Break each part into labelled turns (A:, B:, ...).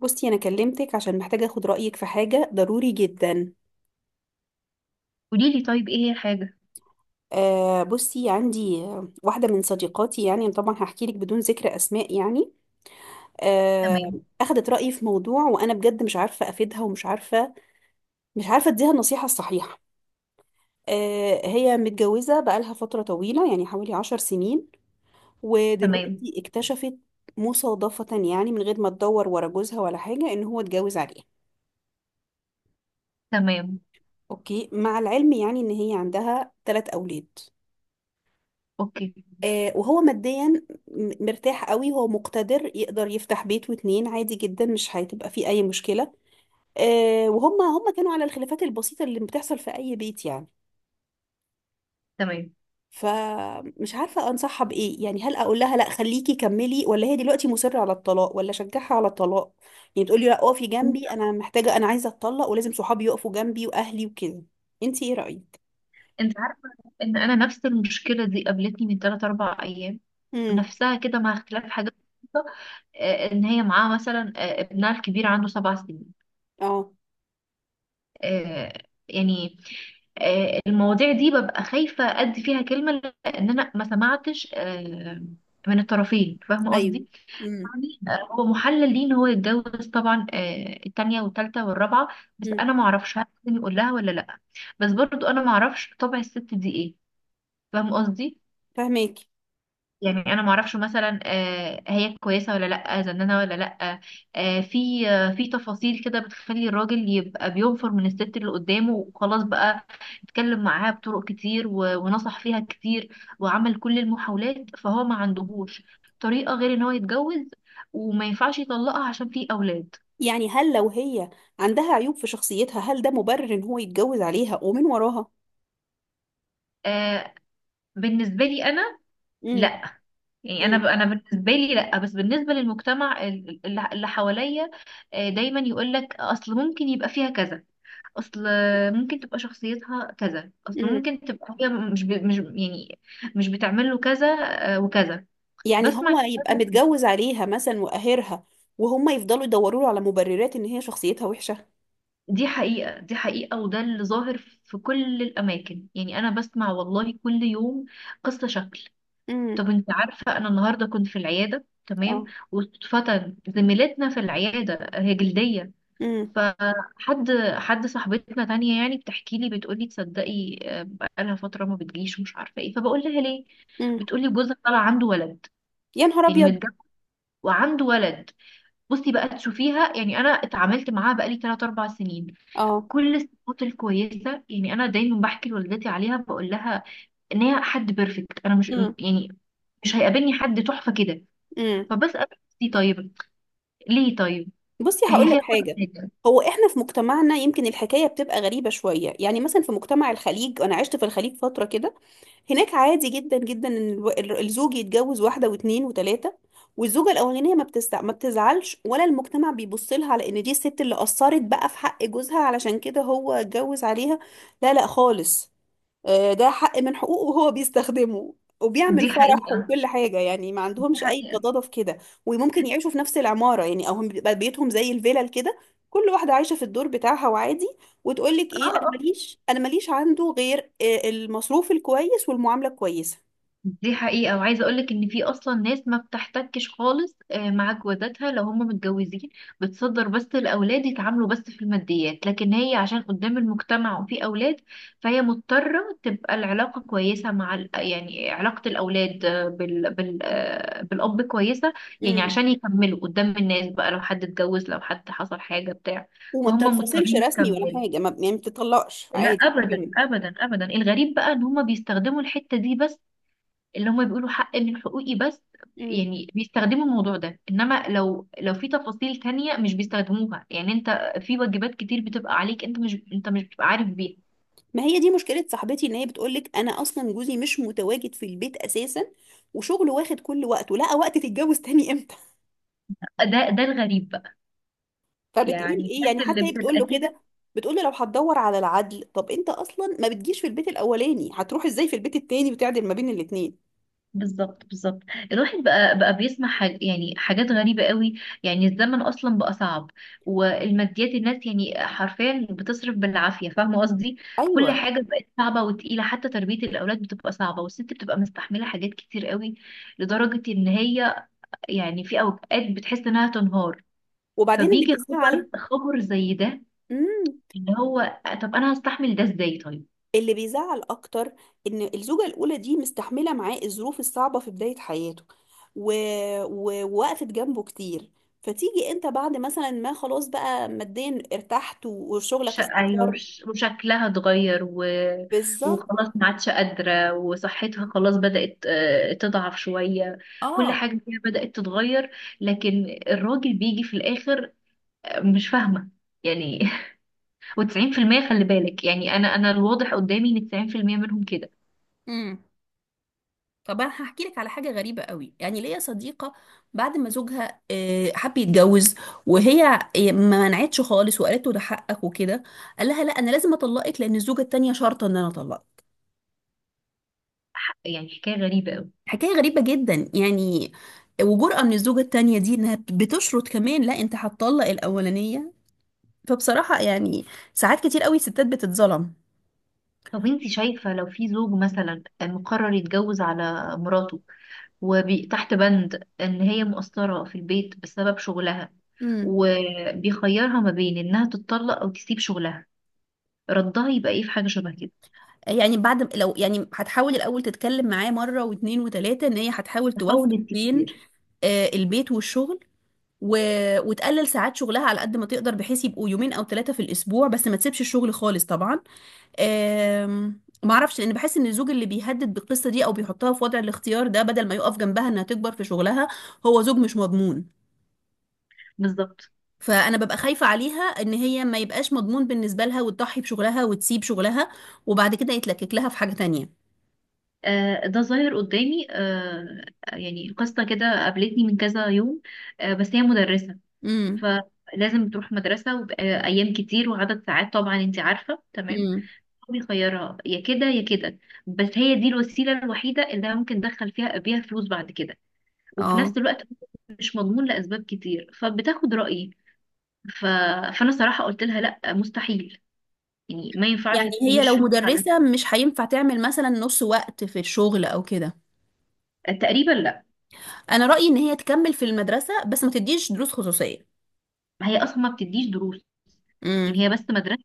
A: بصي، انا كلمتك عشان محتاجه اخد رايك في حاجه ضروري جدا.
B: قولي لي طيب، ايه هي الحاجة؟
A: بصي عندي واحده من صديقاتي، طبعا هحكي لك بدون ذكر اسماء آه
B: تمام.
A: اخدت رايي في موضوع وانا بجد مش عارفه افيدها، ومش عارفه مش عارفه اديها النصيحه الصحيحه. آه، هي متجوزه بقالها فتره طويله، يعني حوالي 10 سنين،
B: تمام.
A: ودلوقتي اكتشفت مصادفه، يعني من غير ما تدور ورا جوزها ولا حاجه، ان هو اتجوز عليها.
B: تمام.
A: اوكي، مع العلم يعني ان هي عندها 3 اولاد.
B: اوكي.
A: آه، وهو ماديا مرتاح قوي، هو مقتدر يقدر يفتح بيت واتنين عادي جدا، مش هتبقى فيه اي مشكلة. آه، وهم كانوا على الخلافات البسيطة اللي بتحصل في اي بيت يعني.
B: تمام.
A: فمش عارفة انصحها بايه، يعني هل اقول لها لا خليكي كملي، ولا هي دلوقتي مصرة على الطلاق، ولا اشجعها على الطلاق، يعني تقولي لا اقفي
B: انت
A: جنبي، انا محتاجة، انا عايزة اتطلق ولازم صحابي يقفوا جنبي واهلي وكده. انتي ايه رأيك؟
B: انت عارفة ان انا نفس المشكلة دي قابلتني من 3 4 ايام،
A: امم.
B: نفسها كده مع اختلاف حاجات بسيطة. ان هي معاها مثلا ابنها الكبير عنده 7 سنين.
A: اه.
B: آه، يعني المواضيع دي ببقى خايفة ادي فيها كلمة، لان انا ما سمعتش من الطرفين، فاهمة
A: ايوه.
B: قصدي؟
A: امم.
B: يعني، هو محلل ليه ان هو يتجوز طبعا التانية والتالتة والرابعة، بس
A: امم.
B: انا ما اعرفش هل لازم يقول لها ولا لا. بس برضو انا ما اعرفش طبع الست دي ايه، فاهم قصدي؟
A: فهماكي.
B: يعني انا ما اعرفش مثلا هي كويسه ولا لا، زنانه ولا لا، في تفاصيل كده بتخلي الراجل يبقى بينفر من الست اللي قدامه وخلاص بقى. اتكلم معاها بطرق كتير ونصح فيها كتير وعمل كل المحاولات، فهو ما عندهوش طريقه غير ان هو يتجوز، وما ينفعش يطلقها عشان في اولاد.
A: يعني هل لو هي عندها عيوب في شخصيتها، هل ده مبرر ان هو يتجوز عليها ومن وراها؟
B: آه، بالنسبه لي انا
A: امم.
B: لا، يعني انا
A: امم.
B: ب- انا بالنسبه لي لا، بس بالنسبه للمجتمع اللي حواليا، دايما يقول لك اصل ممكن يبقى فيها كذا، اصل ممكن تبقى شخصيتها كذا، اصل
A: امم.
B: ممكن تبقى هي مش يعني مش بتعمل له كذا وكذا.
A: يعني
B: بسمع
A: هو يبقى
B: كلام-
A: متجوز عليها مثلا وقاهرها، وهم يفضلوا يدوروا له على مبررات ان هي شخصيتها وحشة.
B: دي حقيقة، دي حقيقة، وده اللي ظاهر في كل الأماكن. يعني أنا بسمع والله كل يوم قصة شكل.
A: امم.
B: طب أنت عارفة أنا النهاردة كنت في العيادة؟ تمام.
A: اه.
B: واتفتن زميلتنا في العيادة، هي جلدية.
A: امم.
B: فحد صاحبتنا تانية يعني بتحكي لي، بتقولي تصدقي بقالها فترة ما بتجيش ومش عارفة ايه، فبقول لها ليه.
A: امم.
B: بتقولي جوزها طلع عنده ولد،
A: يا نهار
B: يعني
A: ابيض.
B: متجوز وعنده ولد. بصي بقى تشوفيها، يعني انا اتعاملت معاها بقالي 3 4 سنين،
A: اه.
B: كل الصفات الكويسه، يعني انا دايما بحكي لوالدتي عليها بقول لها ان هي حد بيرفكت، انا مش
A: امم.
B: يعني مش هيقابلني حد تحفه كده.
A: امم.
B: فبسال نفسي طيب، ليه طيب؟
A: بصي،
B: هي
A: هقول
B: فيها
A: لك
B: كل
A: حاجة.
B: حاجه.
A: هو احنا في مجتمعنا يمكن الحكاية بتبقى غريبة شوية. يعني مثلا في مجتمع الخليج، انا عشت في الخليج فترة كده، هناك عادي جدا جدا ان الزوج يتجوز واحده واثنين وثلاثه، والزوجه الاولانيه ما بتزعلش، ولا المجتمع بيبص لها على ان دي الست اللي قصرت بقى في حق جوزها علشان كده هو اتجوز عليها. لا لا خالص. آه، ده حق من حقوقه وهو بيستخدمه، وبيعمل
B: دي
A: فرح
B: حقيقه،
A: وكل حاجة، يعني ما
B: دي
A: عندهمش أي
B: حقيقه.
A: غضاضة في كده. وممكن يعيشوا في نفس العمارة يعني، أو هم بيبقى بيتهم زي الفيلل كده، كل واحدة عايشة في الدور بتاعها وعادي. وتقول لك
B: اه.
A: إيه، أنا
B: آه.
A: ماليش، أنا ماليش عنده غير المصروف الكويس والمعاملة الكويسة.
B: دي حقيقة، وعايزة اقولك ان في اصلا ناس ما بتحتكش خالص مع جوازاتها لو هم متجوزين، بتصدر بس الاولاد يتعاملوا بس في الماديات، لكن هي عشان قدام المجتمع وفي اولاد فهي مضطرة تبقى العلاقة كويسة مع يعني علاقة الاولاد بالاب كويسة، يعني
A: امم.
B: عشان يكملوا قدام الناس بقى، لو حد اتجوز لو حد حصل حاجة بتاع
A: وما
B: فهم
A: بتنفصلش
B: مضطرين
A: رسمي ولا
B: يكملوا.
A: حاجة، ما يعني ما بتطلقش،
B: لا،
A: عادي
B: ابدا
A: بتكمل.
B: ابدا ابدا. الغريب بقى ان هم بيستخدموا الحتة دي بس، اللي هم بيقولوا حق من حقوقي بس.
A: مم.
B: يعني بيستخدموا الموضوع ده، انما لو في تفاصيل تانية مش بيستخدموها، يعني انت في واجبات كتير بتبقى عليك، انت مش بتبقى عارف بيها.
A: ما هي دي مشكلة صاحبتي، ان هي بتقولك انا اصلا جوزي مش متواجد في البيت اساسا، وشغله واخد كل وقته، لقى وقت تتجوز تاني امتى؟
B: ده الغريب بقى،
A: فبتقول
B: يعني
A: ايه،
B: الناس
A: يعني
B: اللي
A: حتى هي بتقول
B: بتبقى
A: له كده،
B: كده.
A: بتقول له لو هتدور على العدل، طب انت اصلا ما بتجيش في البيت الاولاني، هتروح ازاي في البيت التاني وتعدل ما بين الاتنين؟
B: بالظبط، بالظبط. الواحد بقى بيسمع يعني حاجات غريبة قوي. يعني الزمن أصلا بقى صعب، والماديات الناس يعني حرفيا بتصرف بالعافية، فاهمة قصدي؟ كل
A: ايوه.
B: حاجة بقت صعبة وتقيلة، حتى تربية الأولاد بتبقى صعبة، والست بتبقى مستحملة حاجات كتير قوي، لدرجة إن هي يعني في أوقات بتحس إنها تنهار،
A: وبعدين اللي
B: فبيجي خبر
A: بيزعل.
B: خبر زي ده،
A: امم.
B: اللي هو طب أنا هستحمل ده إزاي طيب؟
A: اللي بيزعل اكتر ان الزوجه الاولى دي مستحمله معاه الظروف الصعبه في بدايه حياته، و... ووقفت جنبه كتير، فتيجي انت بعد مثلا ما خلاص بقى ماديا ارتحت وشغلك
B: ايوه،
A: استقر.
B: وشكلها اتغير
A: بالظبط.
B: وخلاص ما عادش قادره، وصحتها خلاص بدات تضعف شويه، كل
A: اه.
B: حاجه فيها بدات تتغير، لكن الراجل بيجي في الاخر مش فاهمه يعني. و90% خلي بالك، يعني انا الواضح قدامي ان 90% منهم كده.
A: مم. طب انا هحكي لك على حاجه غريبه قوي. يعني ليا صديقه بعد ما زوجها آه، حب يتجوز، وهي آه، ما منعتش خالص وقالت له ده حقك وكده، قال لها لا انا لازم اطلقك، لان الزوجه التانيه شرطه ان انا اطلقك.
B: يعني حكايه غريبه قوي.
A: حكايه غريبه جدا يعني. وجرأة من الزوجه التانيه دي انها بتشرط كمان لا انت هتطلق الاولانيه. فبصراحه يعني ساعات كتير قوي الستات بتتظلم.
B: طب انت شايفه لو في زوج مثلا مقرر يتجوز على مراته وتحت بند إن هي مقصرة في البيت بسبب شغلها،
A: امم.
B: وبيخيرها ما بين إنها تتطلق أو تسيب شغلها، ردها يبقى إيه؟ في حاجة شبه كده،
A: يعني بعد، لو يعني هتحاول الاول تتكلم معاه مره واتنين وتلاته ان هي هتحاول توفق
B: تحاول
A: بين
B: كتير.
A: آه، البيت والشغل، و... وتقلل ساعات شغلها على قد ما تقدر، بحيث يبقوا يومين او 3 في الاسبوع، بس ما تسيبش الشغل خالص طبعا. ما اعرفش، لان بحس ان الزوج اللي بيهدد بالقصه دي او بيحطها في وضع الاختيار ده بدل ما يقف جنبها انها تكبر في شغلها، هو زوج مش مضمون.
B: بالظبط.
A: فانا ببقى خايفه عليها ان هي ما يبقاش مضمون بالنسبه لها وتضحي بشغلها وتسيب شغلها، وبعد كده يتلكك لها في حاجه تانية.
B: آه، ده ظاهر قدامي. يعني قصة كده قابلتني من كذا يوم. بس هي مدرسة،
A: امم.
B: فلازم تروح مدرسة وأيام كتير وعدد ساعات، طبعا أنت عارفة تمام.
A: امم.
B: هو بيخيرها يا كده يا كده، بس هي دي الوسيلة الوحيدة اللي ممكن تدخل فيها بيها فلوس بعد كده، وفي
A: اه.
B: نفس الوقت مش مضمون لأسباب كتير، فبتاخد رأيي. ف... فأنا صراحة قلت لها لا، مستحيل، يعني ما ينفعش
A: يعني
B: تسيب
A: هي لو
B: الشغل على،
A: مدرسه مش هينفع تعمل مثلا نص وقت في الشغل او كده؟
B: تقريبا لا.
A: انا رايي ان هي تكمل في المدرسه بس ما تديش دروس خصوصيه.
B: هي أصلا ما بتديش دروس،
A: امم.
B: يعني هي بس مدرسة،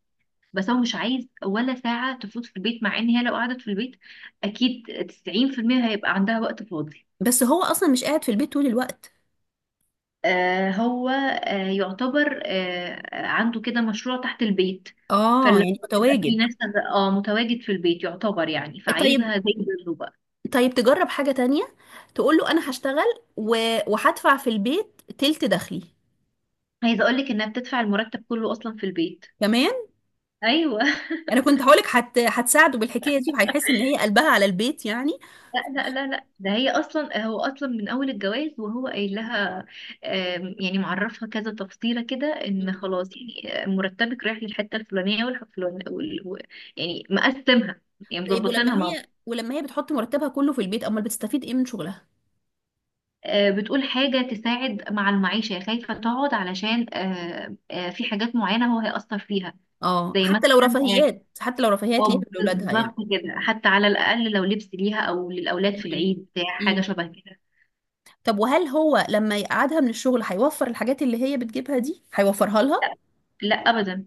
B: بس هو مش عايز ولا ساعة تفوت في البيت، مع إن هي لو قعدت في البيت أكيد 90% هيبقى عندها وقت فاضي.
A: بس هو اصلا مش قاعد في البيت طول الوقت.
B: هو يعتبر عنده كده مشروع تحت البيت،
A: اه،
B: فاللي
A: يعني
B: هو بيبقى فيه
A: متواجد.
B: ناس، اه، متواجد في البيت يعتبر، يعني
A: طيب.
B: فعايزها زي بره.
A: طيب تجرب حاجه تانية، تقول له انا هشتغل و... وهدفع في البيت تلت دخلي.
B: عايزه اقول لك انها بتدفع المرتب كله اصلا في البيت.
A: كمان.
B: ايوه.
A: انا كنت هقولك هتساعده بالحكايه دي، وهيحس ان هي قلبها على البيت يعني.
B: لا لا لا لا، ده هي اصلا هو اصلا من اول الجواز وهو قايل لها يعني معرفها كذا تفصيله كده ان
A: مم.
B: خلاص، يعني مرتبك رايح للحته الفلانيه والفلانيه يعني مقسمها، يعني
A: طيب، ولما
B: مظبطينها مع بعض.
A: هي ولما هي بتحط مرتبها كله في البيت، امال بتستفيد ايه من شغلها؟
B: بتقول حاجه تساعد مع المعيشه، يعني خايفه تقعد علشان في حاجات معينه هو هيأثر فيها،
A: اه،
B: زي
A: حتى لو
B: مثلا
A: رفاهيات، حتى لو رفاهيات ليها
B: اه
A: لاولادها
B: بالظبط
A: يعني.
B: كده، حتى على الأقل لو لبس ليها أو للأولاد في العيد بتاع حاجة
A: مم.
B: شبه كده.
A: طب وهل هو لما يقعدها من الشغل هيوفر الحاجات اللي هي بتجيبها دي، هيوفرها لها؟
B: لا أبدا.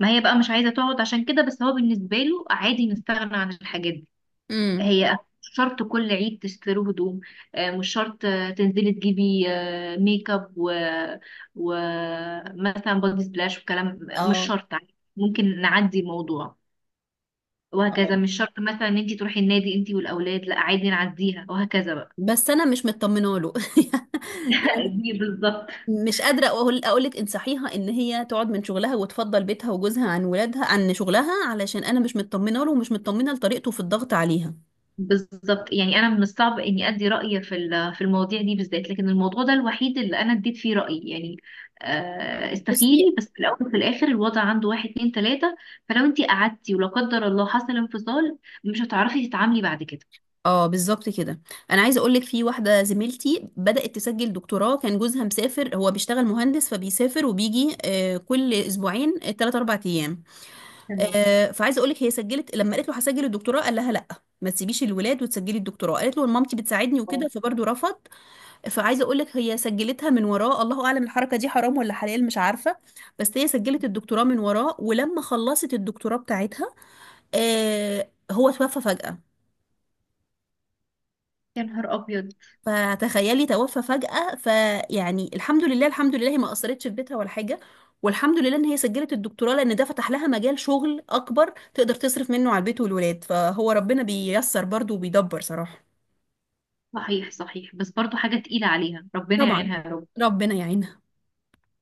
B: ما هي بقى مش عايزة تقعد عشان كده، بس هو بالنسبة له عادي نستغنى عن الحاجات دي.
A: امم.
B: هي مش شرط كل عيد تشتروا هدوم، مش شرط تنزلي تجيبي ميك اب ومثلا بودي سبلاش وكلام، مش
A: اه.
B: شرط عادي. ممكن نعدي الموضوع،
A: اه
B: وهكذا مش شرط مثلا ان انت تروحي النادي انت والاولاد، لا عادي نعديها وهكذا بقى.
A: بس انا مش مطمنه له يعني.
B: دي بالظبط.
A: مش قادره اقول لك انصحيها ان هي تقعد من شغلها، وتفضل بيتها وجوزها عن ولادها عن شغلها، علشان انا مش مطمنه له، ومش مطمنه لطريقته في الضغط عليها.
B: بالظبط، يعني انا من الصعب اني ادي رايي في في المواضيع دي بالذات، لكن الموضوع ده الوحيد اللي انا اديت فيه رايي، يعني
A: بصي.
B: استخيري بس، في الاول وفي الاخر الوضع عنده واحد اتنين تلاته، فلو انت قعدتي ولا قدر الله حصل انفصال مش هتعرفي تتعاملي بعد كده.
A: اه، بالظبط كده. انا عايزه اقول لك في واحده زميلتي بدات تسجل دكتوراه، كان جوزها مسافر، هو بيشتغل مهندس فبيسافر وبيجي آه، كل أسبوعين 3 4 ايام.
B: تمام.
A: آه، فعايزه اقول لك هي سجلت، لما قالت له هسجل الدكتوراه، قال لها لا ما تسيبيش الولاد وتسجلي الدكتوراه، قالت له مامتي بتساعدني وكده،
B: خلاص.
A: فبرضه رفض. فعايزه اقول لك هي سجلتها من وراه، الله اعلم الحركه دي حرام ولا حلال مش عارفه، بس هي سجلت الدكتوراه من وراه، ولما خلصت الدكتوراه بتاعتها آه، هو توفى فجأة.
B: يا نهار ابيض.
A: فتخيلي توفى فجأة، فيعني الحمد لله الحمد لله هي ما أثرتش في بيتها ولا حاجة، والحمد لله إن هي سجلت الدكتوراه لأن ده فتح لها مجال شغل أكبر تقدر تصرف منه على البيت والولاد، فهو ربنا بييسر برضه وبيدبر صراحة.
B: صحيح، صحيح، بس برضو حاجه تقيله عليها، ربنا
A: طبعا.
B: يعينها يا رب.
A: ربنا يعينها.